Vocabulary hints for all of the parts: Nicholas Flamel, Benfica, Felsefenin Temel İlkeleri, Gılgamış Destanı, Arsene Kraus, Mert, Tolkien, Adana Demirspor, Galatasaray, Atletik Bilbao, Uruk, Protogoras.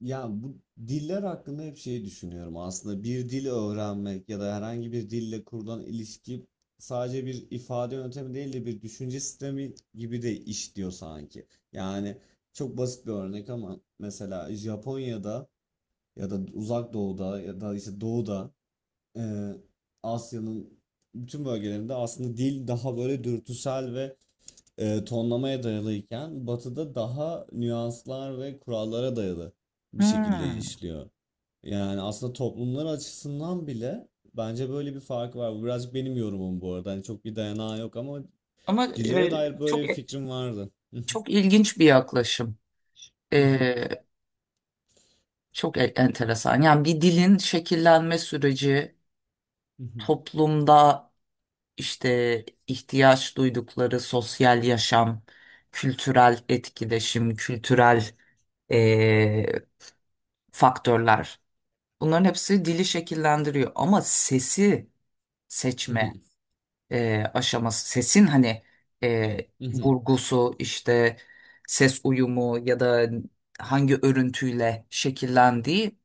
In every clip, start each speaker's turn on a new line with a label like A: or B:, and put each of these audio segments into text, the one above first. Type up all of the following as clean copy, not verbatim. A: Ya bu diller hakkında hep şey düşünüyorum. Aslında bir dil öğrenmek ya da herhangi bir dille kurulan ilişki sadece bir ifade yöntemi değil de bir düşünce sistemi gibi de işliyor sanki. Yani çok basit bir örnek ama mesela Japonya'da ya da Uzak Doğu'da ya da işte Doğu'da e, Asya'nın bütün bölgelerinde aslında dil daha böyle dürtüsel ve tonlamaya dayalıyken Batı'da daha nüanslar ve kurallara dayalı bir şekilde
B: Hmm.
A: işliyor. Yani aslında toplumlar açısından bile bence böyle bir fark var. Bu birazcık benim yorumum bu arada. Hani çok bir dayanağı yok ama
B: Ama
A: dillere dair böyle bir fikrim vardı.
B: çok ilginç bir yaklaşım. E, Çok enteresan. Yani bir dilin şekillenme süreci, toplumda işte ihtiyaç duydukları sosyal yaşam, kültürel etkileşim, kültürel e, faktörler. Bunların hepsi dili şekillendiriyor. Ama sesi seçme. Aşaması sesin hani vurgusu işte ses uyumu ya da hangi örüntüyle şekillendiği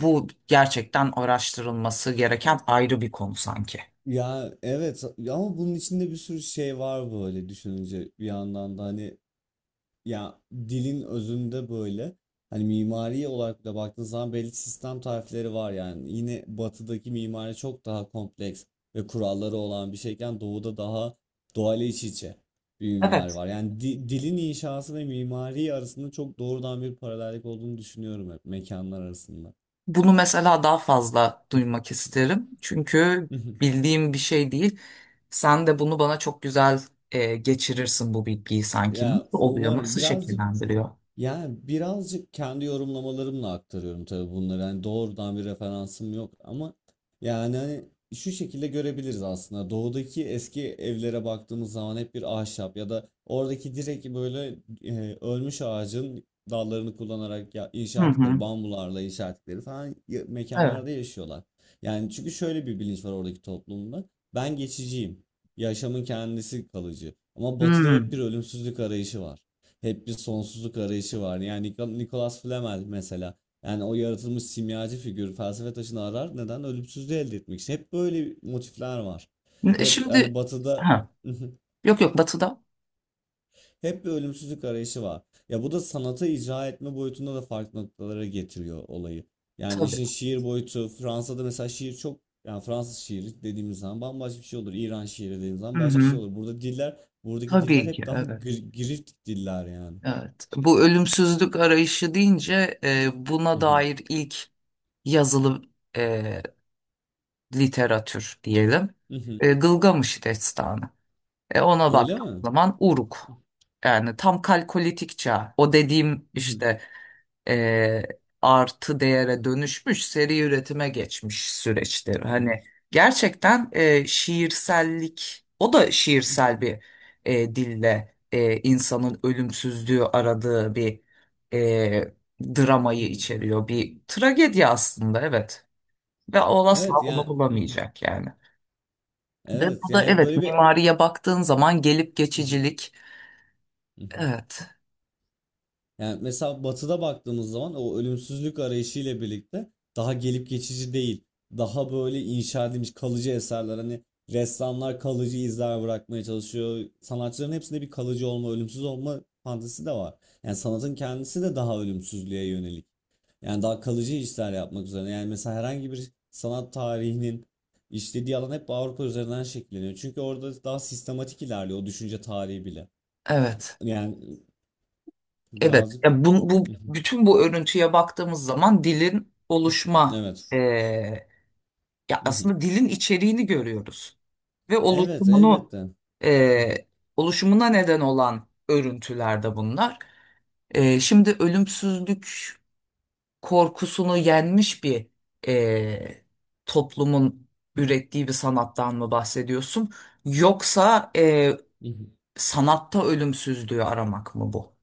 B: bu gerçekten araştırılması gereken ayrı bir konu sanki.
A: Ya evet, ama bunun içinde bir sürü şey var böyle düşününce bir yandan da hani ya dilin özünde böyle hani mimari olarak da baktığın zaman belli sistem tarifleri var yani. Yine batıdaki mimari çok daha kompleks ve kuralları olan bir şeyken doğuda daha doğayla iç içe bir mimari
B: Evet.
A: var. Yani dilin inşası ve mimari arasında çok doğrudan bir paralellik olduğunu düşünüyorum hep mekanlar arasında.
B: Bunu mesela daha fazla duymak isterim. Çünkü bildiğim bir şey değil. Sen de bunu bana çok güzel geçirirsin bu bilgiyi sanki. Nasıl
A: Ya
B: oluyor?
A: umarım
B: Nasıl
A: birazcık.
B: şekillendiriyor?
A: Yani birazcık kendi yorumlamalarımla aktarıyorum tabii bunları. Yani doğrudan bir referansım yok ama yani hani şu şekilde görebiliriz aslında. Doğudaki eski evlere baktığımız zaman hep bir ahşap ya da oradaki direkt böyle ölmüş ağacın dallarını kullanarak ya,
B: Hı
A: inşa ettikleri,
B: hı.
A: bambularla inşa ettikleri falan
B: Evet.
A: mekanlarda yaşıyorlar. Yani çünkü şöyle bir bilinç var oradaki toplumda. Ben geçiciyim. Yaşamın kendisi kalıcı. Ama batıda hep bir
B: Hmm.
A: ölümsüzlük arayışı var. Hep bir sonsuzluk arayışı var. Yani Nicholas Flamel mesela. Yani o yaratılmış simyacı figür felsefe taşını arar. Neden? Ölümsüzlüğü elde etmek için. Hep böyle motifler var. Hep hani
B: Şimdi
A: batıda
B: ha, yok yok batıda.
A: hep bir ölümsüzlük arayışı var. Ya bu da sanata icra etme boyutunda da farklı noktalara getiriyor olayı. Yani
B: Tabii.
A: işin şiir boyutu Fransa'da mesela şiir çok, yani Fransız şiiri dediğimiz zaman bambaşka bir şey olur. İran şiiri dediğimiz zaman
B: Hı
A: başka bir şey
B: hı.
A: olur. Burada diller, buradaki diller
B: Tabii ki
A: hep daha
B: evet.
A: girift diller yani.
B: Evet. Bu ölümsüzlük arayışı deyince buna dair ilk yazılı e, literatür diyelim. Gılgamış Destanı. Ona
A: Öyle
B: baktığım
A: mi?
B: zaman Uruk. Yani tam kalkolitik çağ. O dediğim
A: Mhm.
B: işte e, artı değere dönüşmüş seri üretime geçmiş süreçtir. Hani
A: mhm,
B: gerçekten şiirsellik o da şiirsel
A: mhm,
B: bir dille insanın ölümsüzlüğü aradığı bir e, dramayı
A: mhm.
B: içeriyor. Bir tragedi aslında evet. Ve o asla
A: Evet
B: bunu
A: yani mhm,
B: bulamayacak yani. Ve
A: evet
B: bu da
A: yani
B: evet
A: böyle bir,
B: mimariye baktığın zaman gelip
A: Mhm,
B: geçicilik.
A: mhm.
B: Evet.
A: Yani mesela Batı'da baktığımız zaman o ölümsüzlük arayışı ile birlikte daha gelip geçici değil. Daha böyle inşa edilmiş kalıcı eserler, hani ressamlar kalıcı izler bırakmaya çalışıyor. Sanatçıların hepsinde bir kalıcı olma, ölümsüz olma fantezisi de var. Yani sanatın kendisi de daha ölümsüzlüğe yönelik. Yani daha kalıcı işler yapmak üzere. Yani mesela herhangi bir sanat tarihinin işlediği alan hep Avrupa üzerinden şekilleniyor. Çünkü orada daha sistematik ilerliyor o düşünce tarihi bile.
B: Evet.
A: Yani
B: Evet,
A: birazcık
B: ya bu bütün bu örüntüye baktığımız zaman dilin oluşma
A: evet.
B: eee, ya aslında dilin içeriğini görüyoruz ve
A: Evet
B: oluşumunu
A: elbette.
B: eee, oluşumuna neden olan örüntülerde bunlar. Şimdi ölümsüzlük korkusunu yenmiş bir eee, toplumun ürettiği bir sanattan mı bahsediyorsun? Yoksa sanatta ölümsüzlüğü aramak mı bu?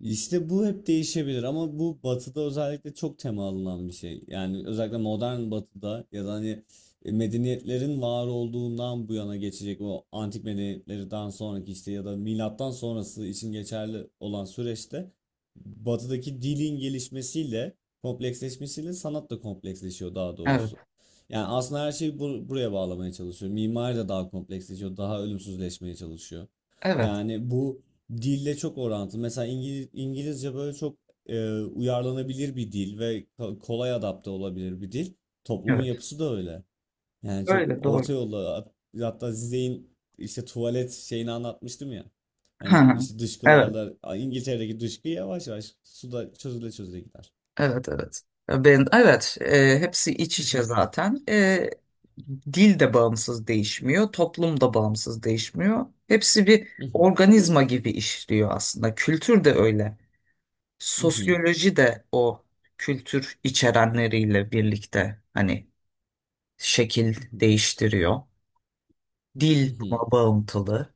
A: İşte bu hep değişebilir ama bu batıda özellikle çok temalanan bir şey. Yani özellikle modern batıda ya da hani medeniyetlerin var olduğundan bu yana geçecek o antik medeniyetlerden sonraki işte ya da milattan sonrası için geçerli olan süreçte batıdaki dilin gelişmesiyle kompleksleşmesiyle sanat da kompleksleşiyor, daha
B: Evet,
A: doğrusu. Yani aslında her şeyi buraya bağlamaya çalışıyor. Mimari de daha kompleksleşiyor, daha ölümsüzleşmeye çalışıyor.
B: evet,
A: Yani bu dille çok orantılı. Mesela İngiliz, İngilizce böyle çok uyarlanabilir bir dil ve kolay adapte olabilir bir dil. Toplumun
B: evet.
A: yapısı da öyle. Yani çok
B: Öyle
A: orta
B: doğru.
A: yolda hatta Zizek'in işte tuvalet şeyini anlatmıştım ya. Hani
B: Ha,
A: işte
B: evet,
A: dışkılarla A, İngiltere'deki dışkı yavaş yavaş suda çözüle çözüle gider.
B: evet, evet. E, ben, evet, hepsi iç içe
A: Mhm.
B: zaten. Dil de bağımsız değişmiyor, toplum da bağımsız değişmiyor. Hepsi bir
A: mhm,
B: organizma gibi işliyor aslında. Kültür de öyle.
A: mhm,
B: Sosyoloji de o kültür içerenleriyle birlikte hani şekil
A: mhm,
B: değiştiriyor. Dil
A: mhm,
B: buna bağıntılı.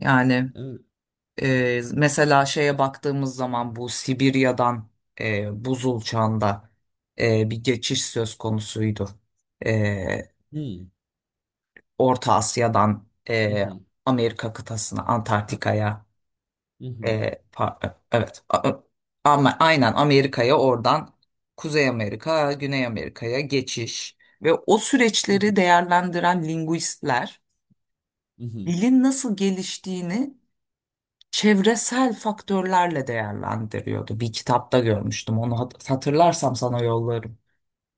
B: Yani
A: evet.
B: Mesela şeye baktığımız zaman bu Sibirya'dan buzul çağında bir geçiş söz konusuydu. Ee,
A: Hmm.
B: Orta Asya'dan
A: mhm,
B: Amerika kıtasına, Antarktika'ya,
A: mhm,
B: evet, ama aynen Amerika'ya oradan Kuzey Amerika, Güney Amerika'ya geçiş ve o süreçleri
A: mhm,
B: değerlendiren linguistler
A: mhm.
B: dilin nasıl geliştiğini çevresel faktörlerle değerlendiriyordu. Bir kitapta görmüştüm. Onu hatırlarsam sana yollarım.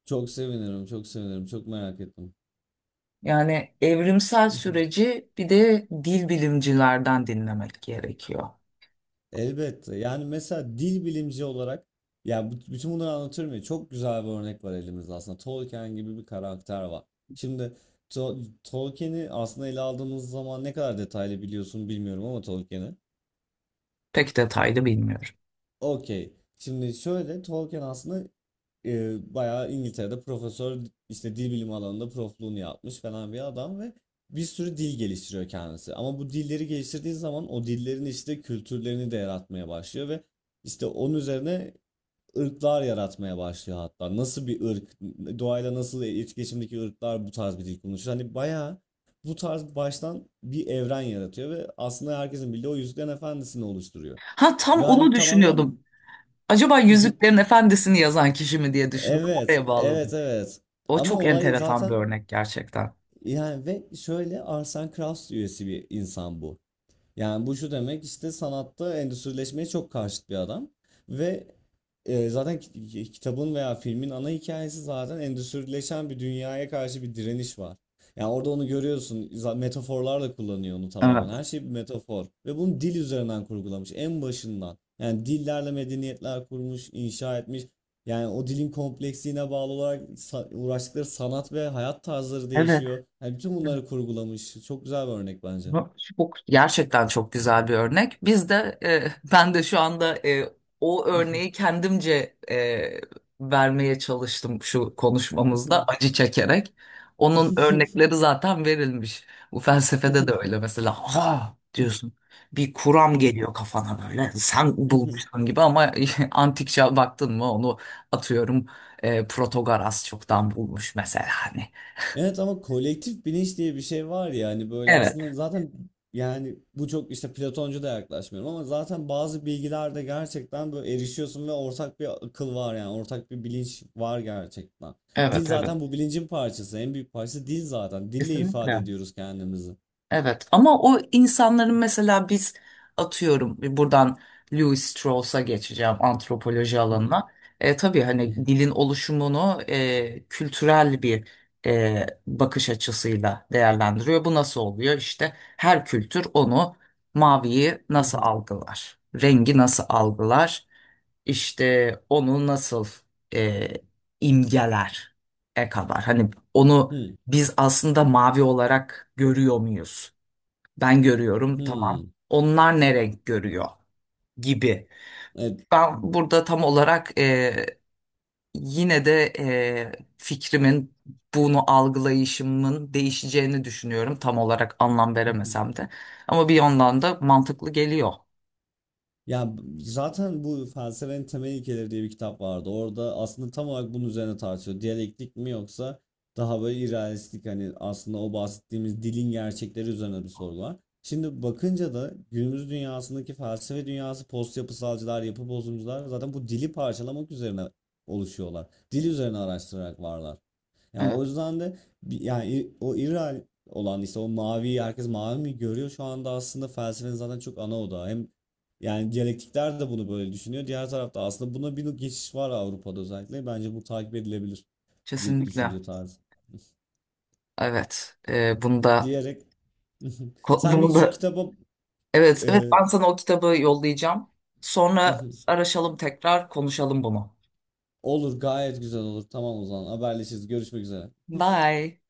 A: Çok sevinirim, çok sevinirim, çok merak ettim.
B: Yani evrimsel süreci bir de dil bilimcilerden dinlemek gerekiyor.
A: Elbette. Yani mesela dil bilimci olarak yani bütün bunları anlatıyorum ya, çok güzel bir örnek var elimizde aslında. Tolkien gibi bir karakter var. Şimdi Tolkien'i aslında ele aldığımız zaman ne kadar detaylı biliyorsun bilmiyorum ama Tolkien'i.
B: Pek detaylı bilmiyorum.
A: Okey. Şimdi şöyle, Tolkien aslında bayağı İngiltere'de profesör, işte dil bilimi alanında profluğunu yapmış falan bir adam ve bir sürü dil geliştiriyor kendisi. Ama bu dilleri geliştirdiği zaman o dillerin işte kültürlerini de yaratmaya başlıyor ve işte onun üzerine ırklar yaratmaya başlıyor hatta. Nasıl bir ırk, doğayla nasıl etkileşimdeki ırklar bu tarz bir dil konuşur. Hani bayağı bu tarz baştan bir evren yaratıyor ve aslında herkesin bildiği o Yüzüklerin Efendisi'ni oluşturuyor.
B: Ha tam
A: Ve
B: onu
A: hani tamamen
B: düşünüyordum. Acaba Yüzüklerin Efendisi'ni yazan kişi mi diye düşündüm.
A: evet,
B: Oraya
A: evet,
B: bağladım.
A: evet.
B: O
A: Ama
B: çok
A: olay
B: enteresan bir
A: zaten
B: örnek gerçekten.
A: yani, ve şöyle, Arsene Kraus üyesi bir insan bu. Yani bu şu demek, işte sanatta endüstrileşmeye çok karşıt bir adam ve zaten kitabın veya filmin ana hikayesi zaten endüstrileşen bir dünyaya karşı bir direniş var. Yani orada onu görüyorsun. Metaforlarla kullanıyor onu tamamen.
B: Evet.
A: Her şey bir metafor ve bunu dil üzerinden kurgulamış en başından. Yani dillerle medeniyetler kurmuş, inşa etmiş. Yani o dilin kompleksliğine bağlı olarak uğraştıkları sanat ve hayat tarzları
B: Evet.
A: değişiyor. Yani bütün bunları kurgulamış. Çok güzel bir örnek bence.
B: Bu gerçekten çok güzel bir örnek. Biz de ben de şu anda o örneği kendimce vermeye çalıştım şu konuşmamızda acı çekerek. Onun örnekleri zaten verilmiş. Bu felsefede de öyle mesela. Aha diyorsun bir kuram geliyor kafana böyle sen bulmuşsun gibi ama antik çağ baktın mı onu atıyorum Protogoras çoktan bulmuş mesela hani.
A: Evet, ama kolektif bilinç diye bir şey var ya, hani böyle
B: Evet.
A: aslında zaten, yani bu çok işte Platoncu da yaklaşmıyorum ama zaten bazı bilgilerde gerçekten böyle erişiyorsun ve ortak bir akıl var, yani ortak bir bilinç var gerçekten. Dil
B: Evet, evet,
A: zaten bu bilincin parçası, en büyük parçası dil, zaten dille ifade
B: kesinlikle.
A: ediyoruz kendimizi.
B: Evet ama o insanların mesela biz atıyorum buradan Louis Strauss'a geçeceğim antropoloji alanına. Tabii hani dilin oluşumunu kültürel bir bakış açısıyla değerlendiriyor. Bu nasıl oluyor? İşte her kültür onu maviyi nasıl algılar? Rengi nasıl algılar? İşte onu nasıl e, imgeler e kadar. Hani onu biz aslında mavi olarak görüyor muyuz? Ben görüyorum, tamam. Onlar ne renk görüyor gibi.
A: Evet.
B: Ben burada tam olarak yine de fikrimin bunu algılayışımın değişeceğini düşünüyorum. Tam olarak anlam veremesem de. Ama bir yandan da mantıklı geliyor.
A: Ya zaten bu Felsefenin Temel İlkeleri diye bir kitap vardı. Orada aslında tam olarak bunun üzerine tartışıyor. Diyalektik mi yoksa daha böyle irrealistik, hani aslında o bahsettiğimiz dilin gerçekleri üzerine bir soru var. Şimdi bakınca da günümüz dünyasındaki felsefe dünyası post yapısalcılar, yapı bozumcular zaten bu dili parçalamak üzerine oluşuyorlar. Dil üzerine araştırarak varlar. Yani
B: Evet,
A: o yüzden de yani o İral olan işte o mavi, herkes mavi mi görüyor, şu anda aslında felsefenin zaten çok ana odağı. Hem yani diyalektikler de bunu böyle düşünüyor. Diğer tarafta aslında buna bir geçiş var Avrupa'da özellikle. Bence bu takip edilebilir bir
B: kesinlikle.
A: düşünce tarzı
B: Evet, bunu da
A: diyerek sen bir
B: bunu
A: şu
B: da
A: kitaba
B: evet, evet,
A: e,
B: ben sana o kitabı yollayacağım. Sonra araşalım tekrar konuşalım bunu.
A: olur, gayet güzel olur. Tamam, o zaman haberleşiriz. Görüşmek üzere.
B: Bye.